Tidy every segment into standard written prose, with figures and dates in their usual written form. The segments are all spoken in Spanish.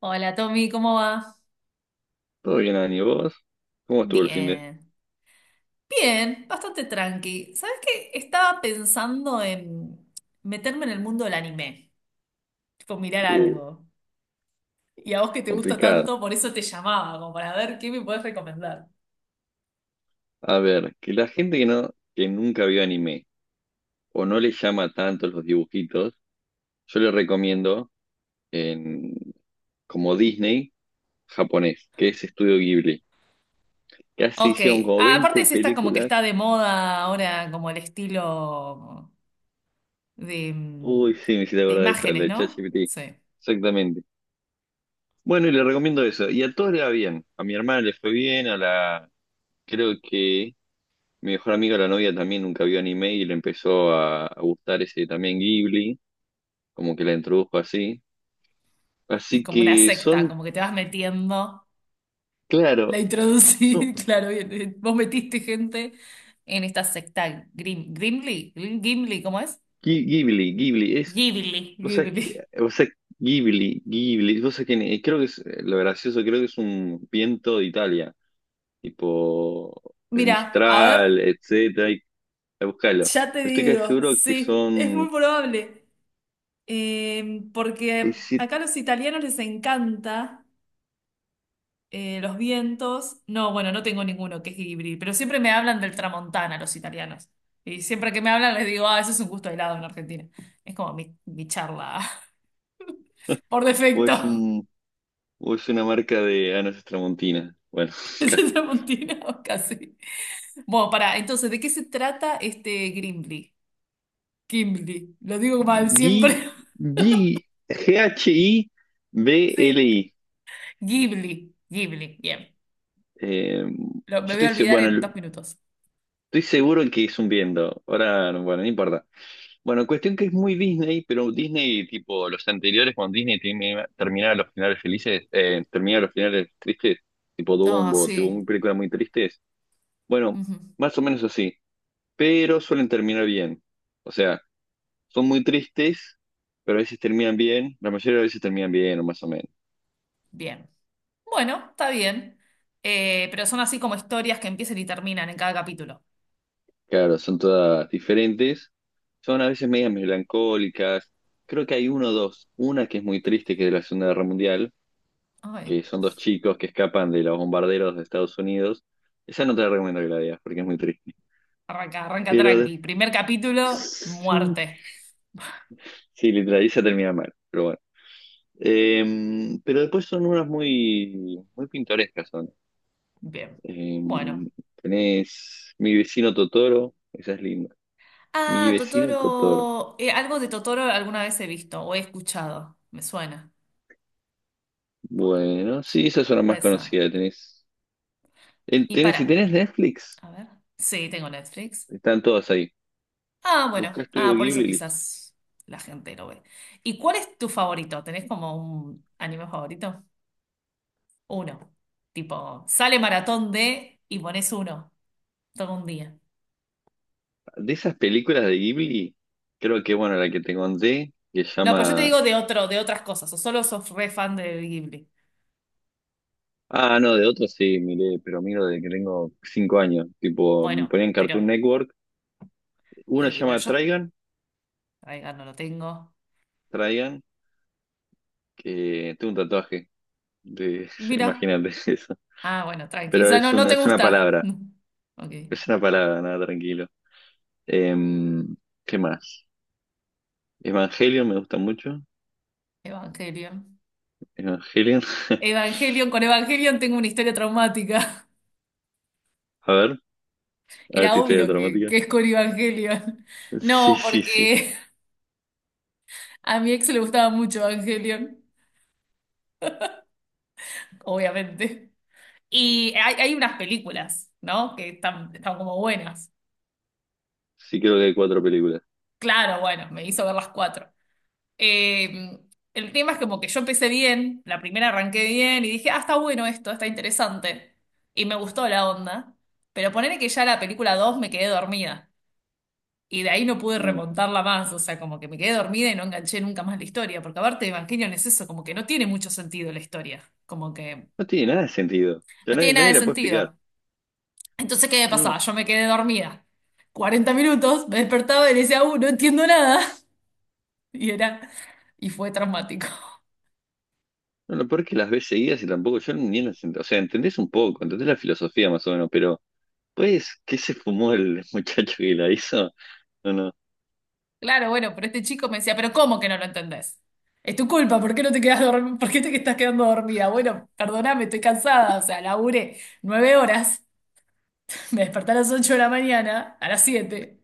Hola Tommy, ¿cómo va? Todo bien, Ani, ¿vos? ¿Cómo estuvo el fin de...? Bien, bien, bastante tranqui. ¿Sabes qué? Estaba pensando en meterme en el mundo del anime, tipo mirar Uh, algo. Y a vos que te gusta complicado. tanto, por eso te llamaba, como para ver qué me podés recomendar. A ver, que la gente que nunca vio anime o no le llama tanto los dibujitos, yo le recomiendo en, como Disney japonés, que es Estudio Ghibli. Casi Ok. hicieron como Ah, aparte 20 es esta como que películas. está de moda ahora, como el estilo de, mm, Uy, sí, me hiciste de acordar de eso, la imágenes, de ¿no? ChatGPT. Sí, Exactamente. Bueno, y le recomiendo eso. Y a todos le va bien. A mi hermana le fue bien, a la... Creo que mi mejor amiga, la novia, también nunca vio anime y le empezó a gustar ese también Ghibli, como que la introdujo así. es Así como una que secta, son, como que te vas metiendo. La claro, son introducí, claro, bien, vos metiste gente en esta secta Grim, Gimli, Gimli, ¿cómo es? Ghibli, Ghibli, es, Ghibli, o sea, Ghibli. o sea, Ghibli, Ghibli, o sea, creo que es lo gracioso, creo que es un viento de Italia, tipo el Mira, a Mistral, ver, etcétera, y búscalo. ya te Estoy casi digo, seguro que sí, es muy son, probable. Es- Porque si- acá a los italianos les encanta, los vientos. No, bueno, no tengo ninguno que es Ghibli, pero siempre me hablan del Tramontana los italianos. Y siempre que me hablan les digo, ah, eso es un gusto de helado en Argentina. Es como mi charla por o es defecto. un, o es una marca de Anas Tramontina, bueno, ¿Es casi. el Tramontina? Casi. Bueno, para, entonces, ¿de qué se trata este Gimli? Gimli, lo digo mal G, siempre. Sí, G-H-I-B-L-I. Ghibli, Ghibli, bien. Eh, yo Me voy a estoy, olvidar bueno, en dos minutos. estoy seguro que es un viendo. Ahora, bueno, no importa. Bueno, cuestión que es muy Disney, pero Disney, tipo, los anteriores, cuando Disney terminaba los finales felices, terminaba los finales tristes, tipo Ah, Dumbo, tipo una sí. película muy tristes. Bueno, Ujú. más o menos así, pero suelen terminar bien. O sea, son muy tristes, pero a veces terminan bien, la mayoría de las veces terminan bien, o más o menos. Bien. Bueno, está bien. Pero son así como historias que empiezan y terminan en cada capítulo. Claro, son todas diferentes. Son a veces medias melancólicas. Creo que hay uno o dos. Una que es muy triste, que es de la Segunda Guerra Mundial, Ay, que son dos chicos que escapan de los bombarderos de Estados Unidos. Esa no te la recomiendo que la veas, porque es muy triste. arranca, arranca Pero de- tranqui. Primer capítulo, sí, muerte. sí, literal, esa termina mal, pero bueno. Pero después son unas muy, muy pintorescas son. Bien. Bueno. Em, tenés Mi vecino Totoro, esa es linda. Mi Ah, vecino Totoro. Totoro, algo de Totoro alguna vez he visto o he escuchado. Me suena. Bueno, Bueno, sí, esas es una más puede ser. conocida. Tenés, Y si para. tenés Netflix, A ver. Sí, tengo Netflix. están todas ahí. Ah, bueno. Busca Estudio Ah, por eso Ghibli y listo. quizás la gente lo ve. ¿Y cuál es tu favorito? ¿Tenés como un anime favorito? Uno. Tipo, sale maratón de y pones uno todo un día. De esas películas de Ghibli, creo que, bueno, la que te conté, que se No, pero yo te llama... digo de otro, de otras cosas. ¿O solo sos re fan de Ghibli? Ah, no, de otras sí, miré, pero miro desde que tengo 5 años. Tipo, me Bueno, ponía en pero Cartoon Network. Una se sí, bueno, llama yo. Trigun, Ay, no lo tengo. Trigun, que tengo un tatuaje. De, Mira. imagínate eso. Ah, bueno, tranqui. Pero Esa no, es no una, te gusta. Ok. es una palabra, nada, tranquilo. Em, ¿Qué más? Evangelion me gusta mucho. Evangelion. Evangelion. Evangelion, con Evangelion tengo una historia traumática. A ver, a ver Era tu historia obvio que, dramática. que es con Evangelion. Sí, No, sí, sí. porque a mi ex le gustaba mucho Evangelion, obviamente. Y hay unas películas, ¿no? Que están como buenas. Sí, creo que hay cuatro películas. Claro, bueno, me hizo ver las 4. Eh, el tema es como que yo empecé bien, la primera arranqué bien y dije, ah, está bueno esto, está interesante. Y me gustó la onda. Pero ponele que ya la película 2 me quedé dormida. Y de ahí no pude Mm. remontarla más. O sea, como que me quedé dormida y no enganché nunca más la historia. Porque aparte, Evangelion es eso, como que no tiene mucho sentido la historia. Como que No tiene nada de sentido. Pero no nadie, tiene nada nadie de la puede explicar. sentido. Entonces, ¿qué me No, pasaba? no. Yo me quedé dormida. 40 minutos, me despertaba y decía, no entiendo nada. Y era, y fue traumático. No, lo peor es que las ves seguidas y tampoco yo ni las entiendo. O sea, entendés un poco, entendés la filosofía más o menos, pero pues, ¿qué se fumó el muchacho que la hizo? No, no, Claro, bueno, pero este chico me decía, pero ¿cómo que no lo entendés? Es tu culpa, ¿por qué no te quedas dorm- ¿Por qué te estás quedando dormida? Bueno, perdóname, estoy cansada, o sea, laburé 9 horas, me desperté a las 8 de la mañana, a las 7,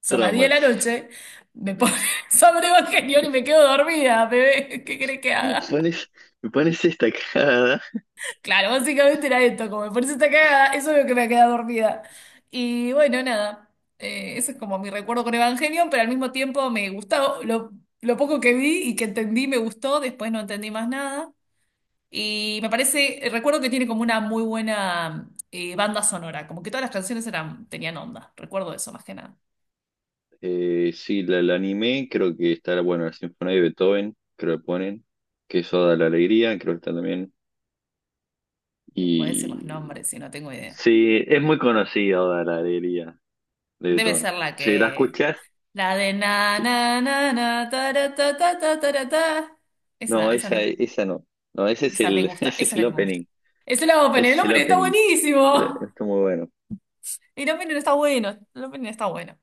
son las diez traumas. de la noche, me pone sobre Evangelion y me quedo dormida, bebé, ¿qué querés que haga? ¿Pones, me pones esta cara? Claro, básicamente era esto, como por eso está cagada, eso es lo que me ha quedado dormida. Y bueno, nada, ese es como mi recuerdo con Evangelion, pero al mismo tiempo me gustó, lo poco que vi y que entendí me gustó, después no entendí más nada. Y me parece, recuerdo que tiene como una muy buena, banda sonora, como que todas las canciones tenían onda, recuerdo eso más que nada. Sí, la anime, creo que está, bueno, la Sinfonía de Beethoven, creo que ponen, que es Oda a la Alegría, creo que está también. Me puedes decir los Y nombres si no tengo idea. sí, es muy conocida Oda la alegría de Debe Beethoven. ser la Si la que... escuchas, La de na na na na ta ta ta ta ta ta ta. no, Esa no esa, es. esa no. No, ese es Esa me el, gusta, ese esa es es la el que me gusta. opening. Esa es la Open, Ese el es el Open está opening. Buenísimo. Está muy bueno. El Open está bueno, el Open está bueno.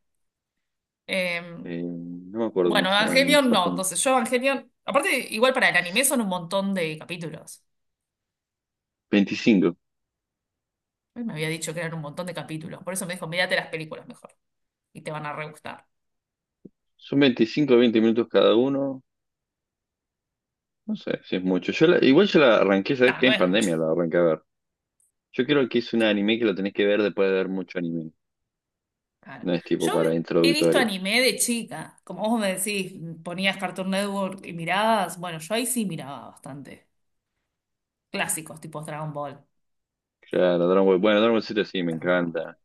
Eh, No me acuerdo bueno, cómo se llaman en Evangelion no, Japón. entonces yo Evangelion, aparte igual para el anime son un montón de capítulos. Veinticinco Él me había dicho que eran un montón de capítulos, por eso me dijo, mírate las películas mejor y te van a re gustar. Son 25 o 20 minutos cada uno. No sé si es mucho. Igual yo la arranqué, ¿sabes No, qué? no En es mucho. pandemia la arranqué a ver. Yo creo que es un Claro, anime que lo tenés que ver después de ver mucho anime. claro. No es tipo Yo para he visto introductoria. anime de chica, como vos me decís, ponías Cartoon Network y mirabas, bueno, yo ahí sí miraba bastante. Clásicos, tipo Dragon Ball. Claro, Dragon Ball. Bueno, Dragon Ball Z sí, me Dragon Ball. encanta.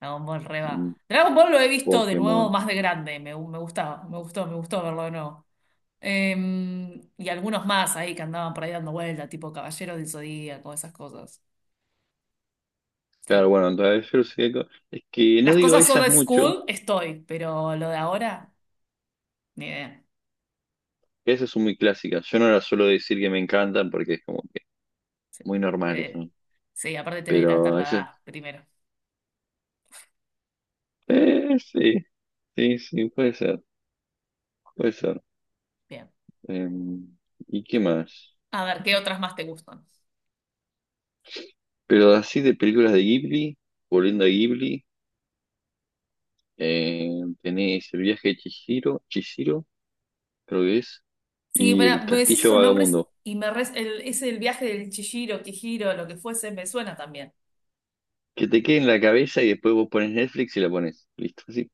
Dragon Ball Reba. Dragon Ball lo he visto de Pokémon. nuevo más de grande, me gustaba, me gustó verlo de nuevo. Y algunos más ahí que andaban por ahí dando vuelta, tipo Caballero del Zodíaco, esas cosas. Claro, Sí. bueno, es que no Las digo cosas esas old mucho, school estoy, pero lo de ahora, ni idea. que esas son muy clásicas. Yo no las suelo decir que me encantan porque es como que Sí, muy normal eso, Eh, ¿no? sí, aparte te delatar Pero la esas, edad primero. Sí, sí, sí, puede ser, puede ser. Bien. Eh, ¿Y qué más? A ver, ¿qué otras más te gustan? Pero así de películas de Ghibli, volviendo a Ghibli, eh, tenés El viaje de Chihiro, Chihiro, creo que es, Sí, y El pero me decís castillo esos nombres vagamundo. y es el viaje del Chihiro, Kihiro, lo que fuese, me suena también. Que te quede en la cabeza y después vos pones Netflix y la pones. Listo, así.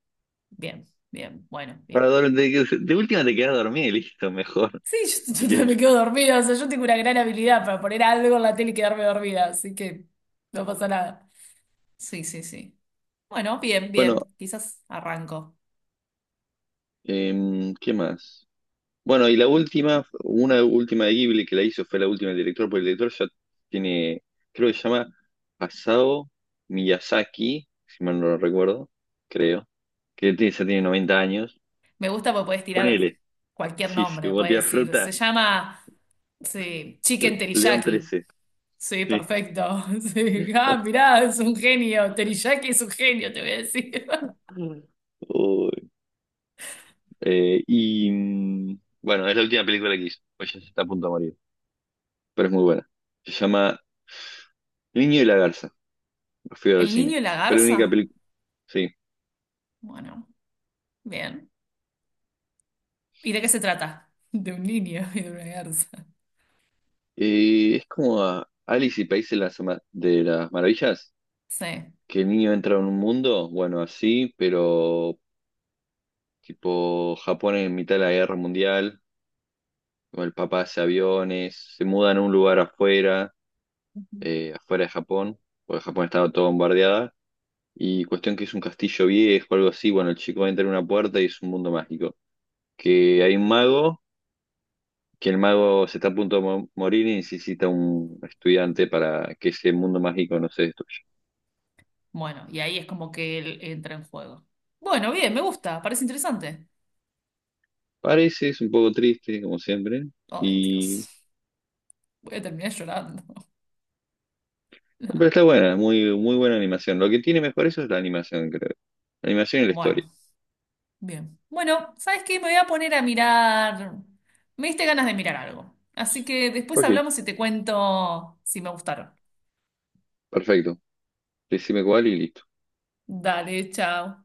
Bien, bien, bueno, Para bien. dor- de, que- de última te quedas dormida y listo, mejor. Sí, yo, yo Y también que- me quedo dormida, o sea, yo tengo una gran habilidad para poner algo en la tele y quedarme dormida, así que no pasa nada. Sí, sí, sí. Bueno, bien, Bueno, bien. Quizás arranco. ¿Qué más? Bueno, y la última, una última de Ghibli que la hizo fue la última del director, porque el director ya tiene, creo que se llama Asao Miyazaki, si mal no lo recuerdo, creo, ya tiene 90 años. Me gusta porque puedes tirar Ponele, cualquier sí, sí, nombre. Puedes botea decir, fruta, se llama, sí, Chicken León Teriyaki. 13 Sí, sí. perfecto. Sí. Ah, mirá, es un genio. Teriyaki es un genio, te voy a decir. Mm. Uy, y bueno, es la última película que hizo, pues ya se está a punto de morir. Pero es muy buena. Se llama El niño y la garza. Lo fui a ver al ¿El niño cine. y la Fue la única garza? película. Sí. Bueno, bien. ¿Y de qué se trata? De un niño y de una garza. Y es como a Alice y País de las, de las Maravillas, Sí. que el niño entra en un mundo, bueno, así, pero tipo Japón en mitad de la guerra mundial, con el papá hace aviones, se mudan a un lugar afuera, afuera de Japón, porque Japón estaba todo bombardeada. Y cuestión que es un castillo viejo, algo así, bueno, el chico entra en una puerta y es un mundo mágico. Que hay un mago que el mago se está a punto de morir y necesita un estudiante para que ese mundo mágico no se destruya. Bueno, y ahí es como que él entra en juego. Bueno, bien, me gusta, parece interesante. Parece, es un poco triste, como siempre, Ay, Dios, y... voy a terminar llorando. pero No. está buena, muy, muy buena animación. Lo que tiene mejor eso es la animación, creo. La animación y la Bueno, historia. bien. Bueno, ¿sabes qué? Me voy a poner a mirar. Me diste ganas de mirar algo. Así que después Ok, hablamos y te cuento si me gustaron. perfecto. Decime cuál y listo. Dale, chao.